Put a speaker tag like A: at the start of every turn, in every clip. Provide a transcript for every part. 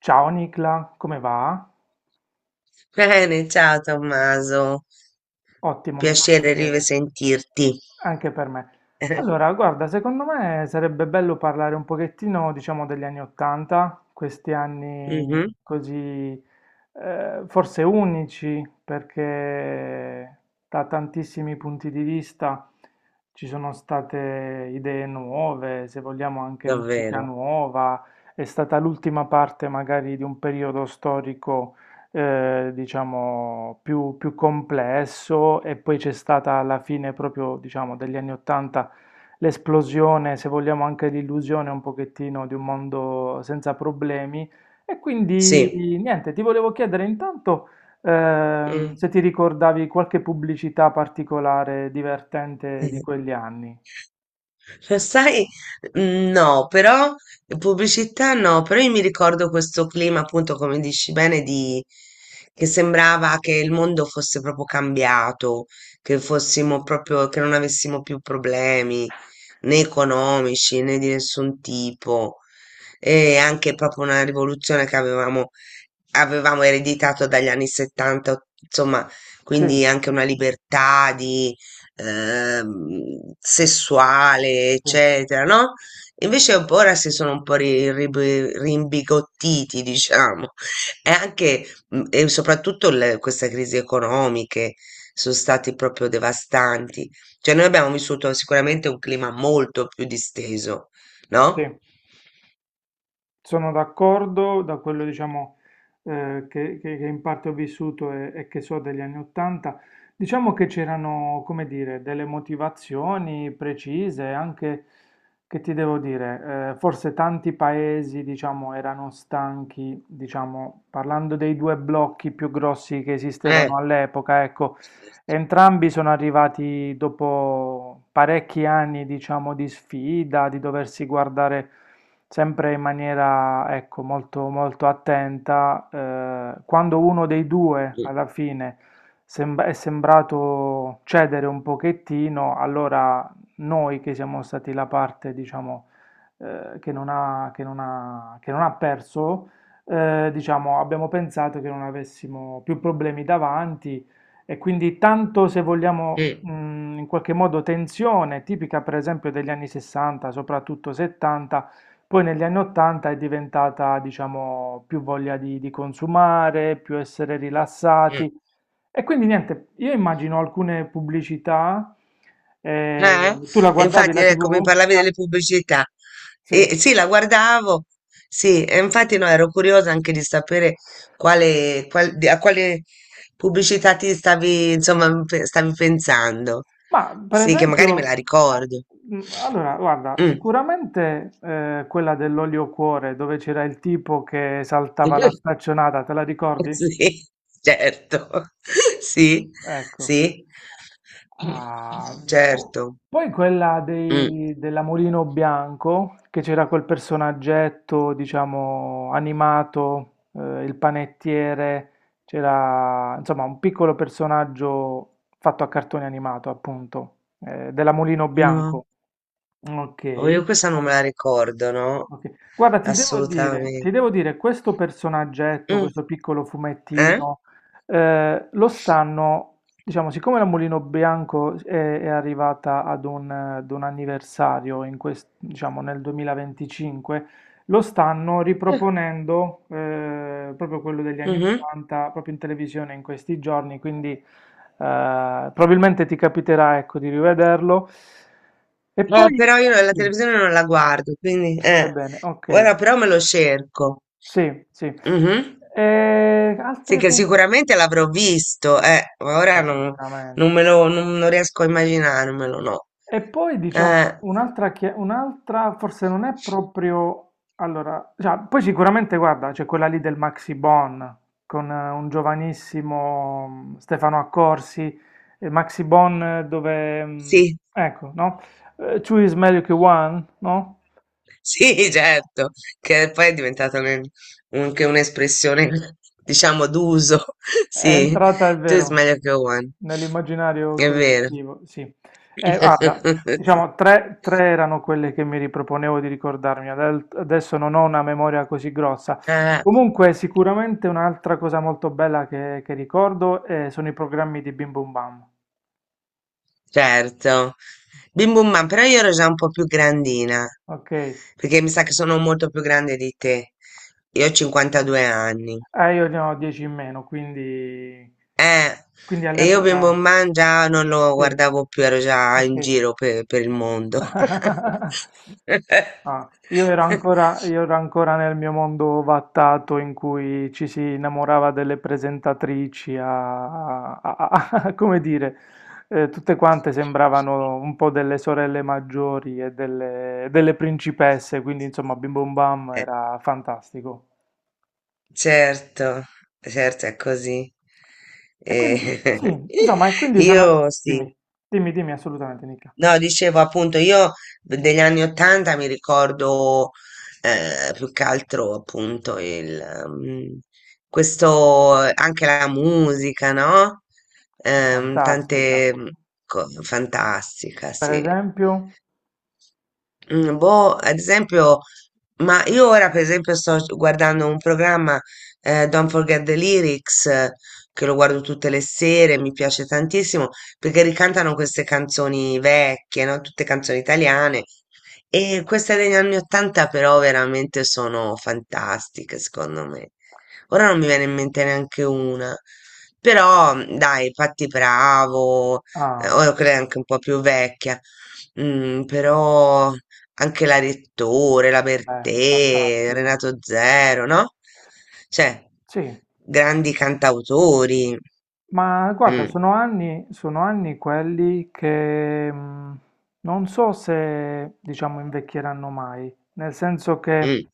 A: Ciao Nicla, come va?
B: Bene, ciao Tommaso,
A: Ottimo, mi fa
B: piacere di
A: piacere,
B: risentirti.
A: anche per me. Allora, guarda, secondo me sarebbe bello parlare un pochettino, diciamo, degli anni Ottanta, questi anni
B: Mhm,
A: così, forse unici, perché da tantissimi punti di vista ci sono state idee nuove, se vogliamo anche musica
B: davvero,
A: nuova, è stata l'ultima parte magari di un periodo storico, diciamo, più complesso. E poi c'è stata alla fine proprio, diciamo, degli anni 80 l'esplosione, se vogliamo anche l'illusione un pochettino di un mondo senza problemi. E quindi
B: sì.
A: niente, ti volevo chiedere intanto
B: Mm.
A: se ti ricordavi qualche pubblicità particolare divertente di quegli anni.
B: Lo sai, no, però pubblicità no, però io mi ricordo questo clima, appunto, come dici bene, di, che sembrava che il mondo fosse proprio cambiato, che fossimo proprio, che non avessimo più problemi né economici né di nessun tipo, e anche proprio una rivoluzione che avevamo ereditato dagli anni 70, insomma,
A: Sì,
B: quindi anche una libertà di, sessuale,
A: sì,
B: eccetera, no? Invece un po' ora si sono un po' rimbigottiti, diciamo. E anche e soprattutto queste crisi economiche sono stati proprio devastanti. Cioè, noi abbiamo vissuto sicuramente un clima molto più disteso,
A: sì.
B: no?
A: Sono d'accordo. Da quello, diciamo, che in parte ho vissuto, e che so degli anni Ottanta, diciamo che c'erano, come dire, delle motivazioni precise, anche, che ti devo dire, forse tanti paesi, diciamo, erano stanchi, diciamo, parlando dei due blocchi più grossi che
B: Eh,
A: esistevano all'epoca, ecco,
B: certo.
A: entrambi sono arrivati dopo parecchi anni, diciamo, di sfida, di doversi guardare sempre in maniera, ecco, molto, molto attenta. Quando uno dei due
B: Mm,
A: alla fine è sembrato cedere un pochettino, allora noi che siamo stati la parte, diciamo, che non ha, che non ha, che non ha perso, diciamo, abbiamo pensato che non avessimo più problemi davanti. E quindi, tanto se vogliamo,
B: mm,
A: in qualche modo, tensione, tipica per esempio degli anni 60, soprattutto 70, poi negli anni 80 è diventata, diciamo, più voglia di consumare, più essere
B: mm.
A: rilassati. E quindi niente, io immagino alcune pubblicità,
B: Eh?
A: eh, tu la
B: E
A: guardavi
B: infatti,
A: la
B: ecco, mi
A: TV?
B: parlavi delle pubblicità. E
A: Sì,
B: sì, la guardavo, sì, e infatti no, ero curiosa anche di sapere a quale pubblicità ti stavi, insomma, stavi pensando.
A: ma per
B: Sì, che magari me la
A: esempio,
B: ricordo.
A: allora guarda,
B: Mm.
A: sicuramente quella dell'olio cuore dove c'era il tipo che saltava la staccionata, te la ricordi?
B: Sì, certo. Sì,
A: Ecco.
B: sì,
A: Ah, boh.
B: certo.
A: Poi quella
B: Mm.
A: dei, della Mulino Bianco, che c'era quel personaggetto, diciamo, animato, il panettiere, c'era, insomma, un piccolo personaggio fatto a cartone animato, appunto, della Mulino
B: No.
A: Bianco.
B: Oh,
A: Ok.
B: io questa non me la ricordo, no?
A: Ok. Guarda, ti
B: Assolutamente.
A: devo dire, questo personaggetto,
B: Mm,
A: questo piccolo
B: eh?
A: fumettino, lo stanno, diciamo, siccome la Mulino Bianco è arrivata ad un anniversario in diciamo, nel 2025, lo stanno
B: Eh,
A: riproponendo, proprio quello degli anni
B: mhm.
A: 80, proprio in televisione in questi giorni, quindi probabilmente ti capiterà, ecco, di rivederlo. E poi,
B: Però io la
A: sì,
B: televisione non la guardo, quindi...
A: va
B: Eh.
A: bene, ok.
B: Ora però me lo cerco.
A: Sì, sì.
B: Mhm.
A: E
B: Sì,
A: altre
B: che
A: pubblicità
B: sicuramente l'avrò visto, ma ora non,
A: sicuramente.
B: non riesco a immaginarmelo, no.
A: E poi diciamo
B: Eh,
A: un'altra, un'altra forse non è proprio... Allora, cioè, poi sicuramente guarda, c'è quella lì del Maxi Bon con un giovanissimo Stefano Accorsi, e Maxi Bon dove...
B: sì.
A: ecco, no? Two is meglio che one, no?
B: Sì, certo, che poi è diventata anche un'espressione, diciamo, d'uso.
A: È
B: Sì,
A: entrata, è
B: tu is
A: vero,
B: meglio che one.
A: nell'immaginario
B: È vero.
A: collettivo, sì. Guarda,
B: Sì.
A: diciamo, tre erano quelle che mi riproponevo di ricordarmi, adesso non ho una memoria così grossa.
B: Ah,
A: Comunque, sicuramente un'altra cosa molto bella che ricordo, sono i programmi di Bim Bum Bam,
B: certo. Bim bum bam, però io ero già un po' più grandina,
A: ok?
B: perché mi sa che sono molto più grande di te. Io ho 52 anni.
A: Io ne ho 10 in meno, quindi,
B: Eh,
A: quindi
B: e io Bimbo
A: all'epoca...
B: Mangia non lo
A: Sì,
B: guardavo più, ero già
A: ok.
B: in giro per il mondo.
A: Ah, io ero ancora, io ero ancora nel mio mondo vattato in cui ci si innamorava delle presentatrici, come dire, tutte quante sembravano un po' delle sorelle maggiori e delle, delle principesse, quindi insomma Bim Bum Bam
B: Eh,
A: era fantastico.
B: certo, certo è così.
A: E quindi, sì,
B: Eh,
A: insomma, e quindi sono...
B: io sì.
A: Dimmi, dimmi, dimmi assolutamente, Nicca.
B: No, dicevo appunto, io degli anni Ottanta mi ricordo, più che altro appunto il, mm, questo, anche la musica, no?
A: È fantastica.
B: Tante mm, fantastica,
A: Per
B: sì.
A: esempio...
B: Mm, boh, ad esempio, ma io ora per esempio sto guardando un programma, Don't Forget the Lyrics, che lo guardo tutte le sere, mi piace tantissimo, perché ricantano queste canzoni vecchie, no? Tutte canzoni italiane. E queste degli anni 80 però veramente sono fantastiche, secondo me. Ora non mi viene in mente neanche una. Però, mm, dai, Patti Bravo,
A: Ah,
B: ora quella è anche un po' più vecchia. Mm, però anche la Rettore, la
A: beh,
B: Bertè,
A: fantastico.
B: Renato Zero, no? Cioè,
A: Sì.
B: grandi cantautori.
A: Ma guarda,
B: Mm,
A: sono anni quelli che non so se, diciamo, invecchieranno mai, nel senso che
B: mm.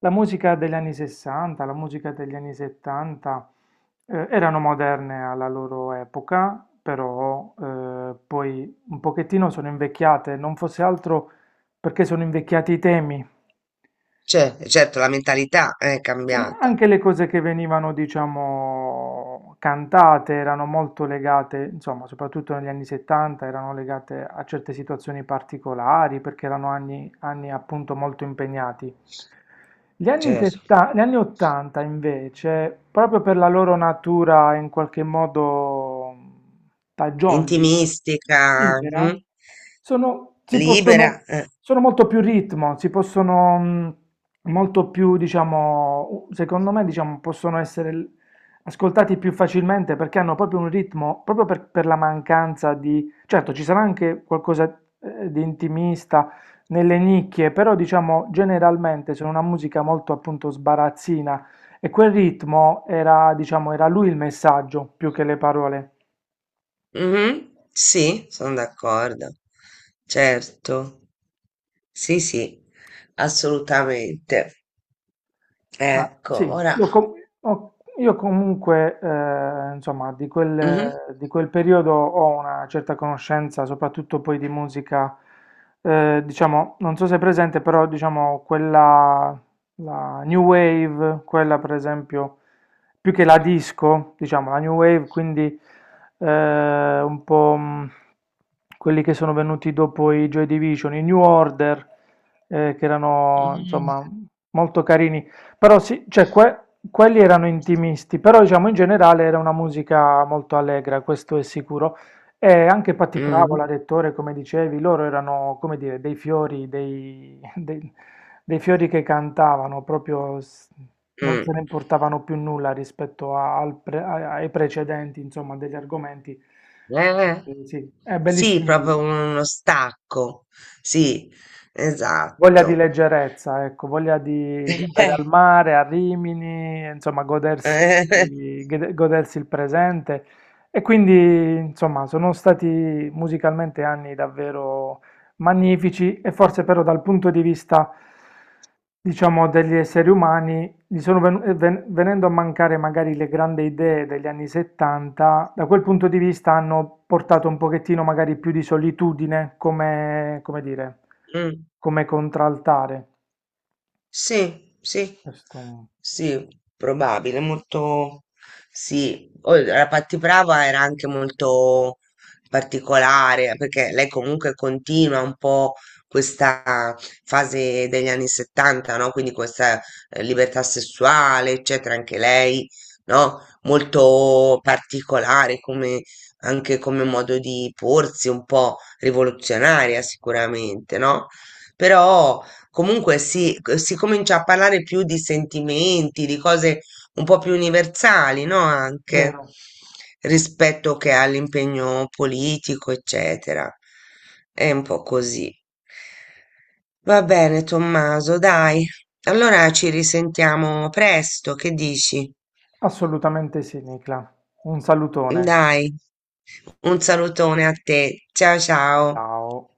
A: la musica degli anni 60, la musica degli anni 70 erano moderne alla loro epoca, però poi un pochettino sono invecchiate, non fosse altro perché sono invecchiati i temi.
B: Cioè, certo, la mentalità è
A: Insomma,
B: cambiata,
A: anche le cose che venivano, diciamo, cantate erano molto legate, insomma, soprattutto negli anni 70, erano legate a certe situazioni particolari perché erano anni appunto molto impegnati. Gli anni
B: certo.
A: 70, gli anni 80 invece, proprio per la loro natura in qualche modo fagioli,
B: Intimistica,
A: libera?
B: mm,
A: Sono si
B: libera.
A: possono
B: Eh,
A: sono molto più ritmo, si possono molto più diciamo u secondo me, diciamo, possono essere l ascoltati più facilmente perché hanno proprio un ritmo proprio per la mancanza di certo ci sarà anche qualcosa, di intimista nelle nicchie, però diciamo generalmente sono una musica molto appunto sbarazzina e quel ritmo era diciamo era lui il messaggio più che le parole.
B: mhm, sì, sono d'accordo. Certo. Sì, sì, assolutamente.
A: Ma
B: Ecco,
A: sì,
B: ora.
A: io, com- io comunque, insomma, di
B: Mhm,
A: quel periodo ho una certa conoscenza, soprattutto poi di musica, diciamo, non so se è presente, però diciamo quella, la New Wave, quella per esempio, più che la disco, diciamo, la New Wave, quindi un po' quelli che sono venuti dopo i Joy Division, i New Order, che erano,
B: mhm,
A: insomma, molto carini. Però sì, cioè quelli erano intimisti, però diciamo in generale era una musica molto allegra, questo è sicuro. E anche Patti
B: mhm,
A: Pravola, Rettore, come dicevi, loro erano, come dire, dei fiori, dei, dei fiori che cantavano, proprio non se ne
B: mm.
A: importavano più nulla rispetto al ai precedenti, insomma, degli argomenti.
B: Eh,
A: Eh sì, è
B: sì,
A: bellissimi titoli.
B: proprio uno stacco. Sì,
A: Voglia di
B: esatto.
A: leggerezza, ecco, voglia di andare al mare, a Rimini, insomma, godersi,
B: Eh, eh,
A: godersi il presente. E quindi, insomma, sono stati musicalmente anni davvero magnifici, e forse però dal punto di vista, diciamo, degli esseri umani, gli sono venendo a mancare magari le grandi idee degli anni 70, da quel punto di vista hanno portato un pochettino magari più di solitudine come, come dire,
B: mm.
A: come contraltare.
B: Sì, sì,
A: Questo
B: sì, probabile, molto sì. Poi La Pattiprava era anche molto particolare perché lei comunque continua un po' questa fase degli anni 70, no? Quindi questa, libertà sessuale, eccetera, anche lei, no? Molto particolare come anche come modo di porsi, un po' rivoluzionaria sicuramente, no? Però comunque si, si comincia a parlare più di sentimenti, di cose un po' più universali, no? Anche
A: vero?
B: rispetto che all'impegno politico, eccetera. È un po' così. Va bene, Tommaso, dai. Allora ci risentiamo presto, che dici?
A: Assolutamente sì, Nicla. Un salutone.
B: Dai, un salutone a te. Ciao ciao.
A: Ciao.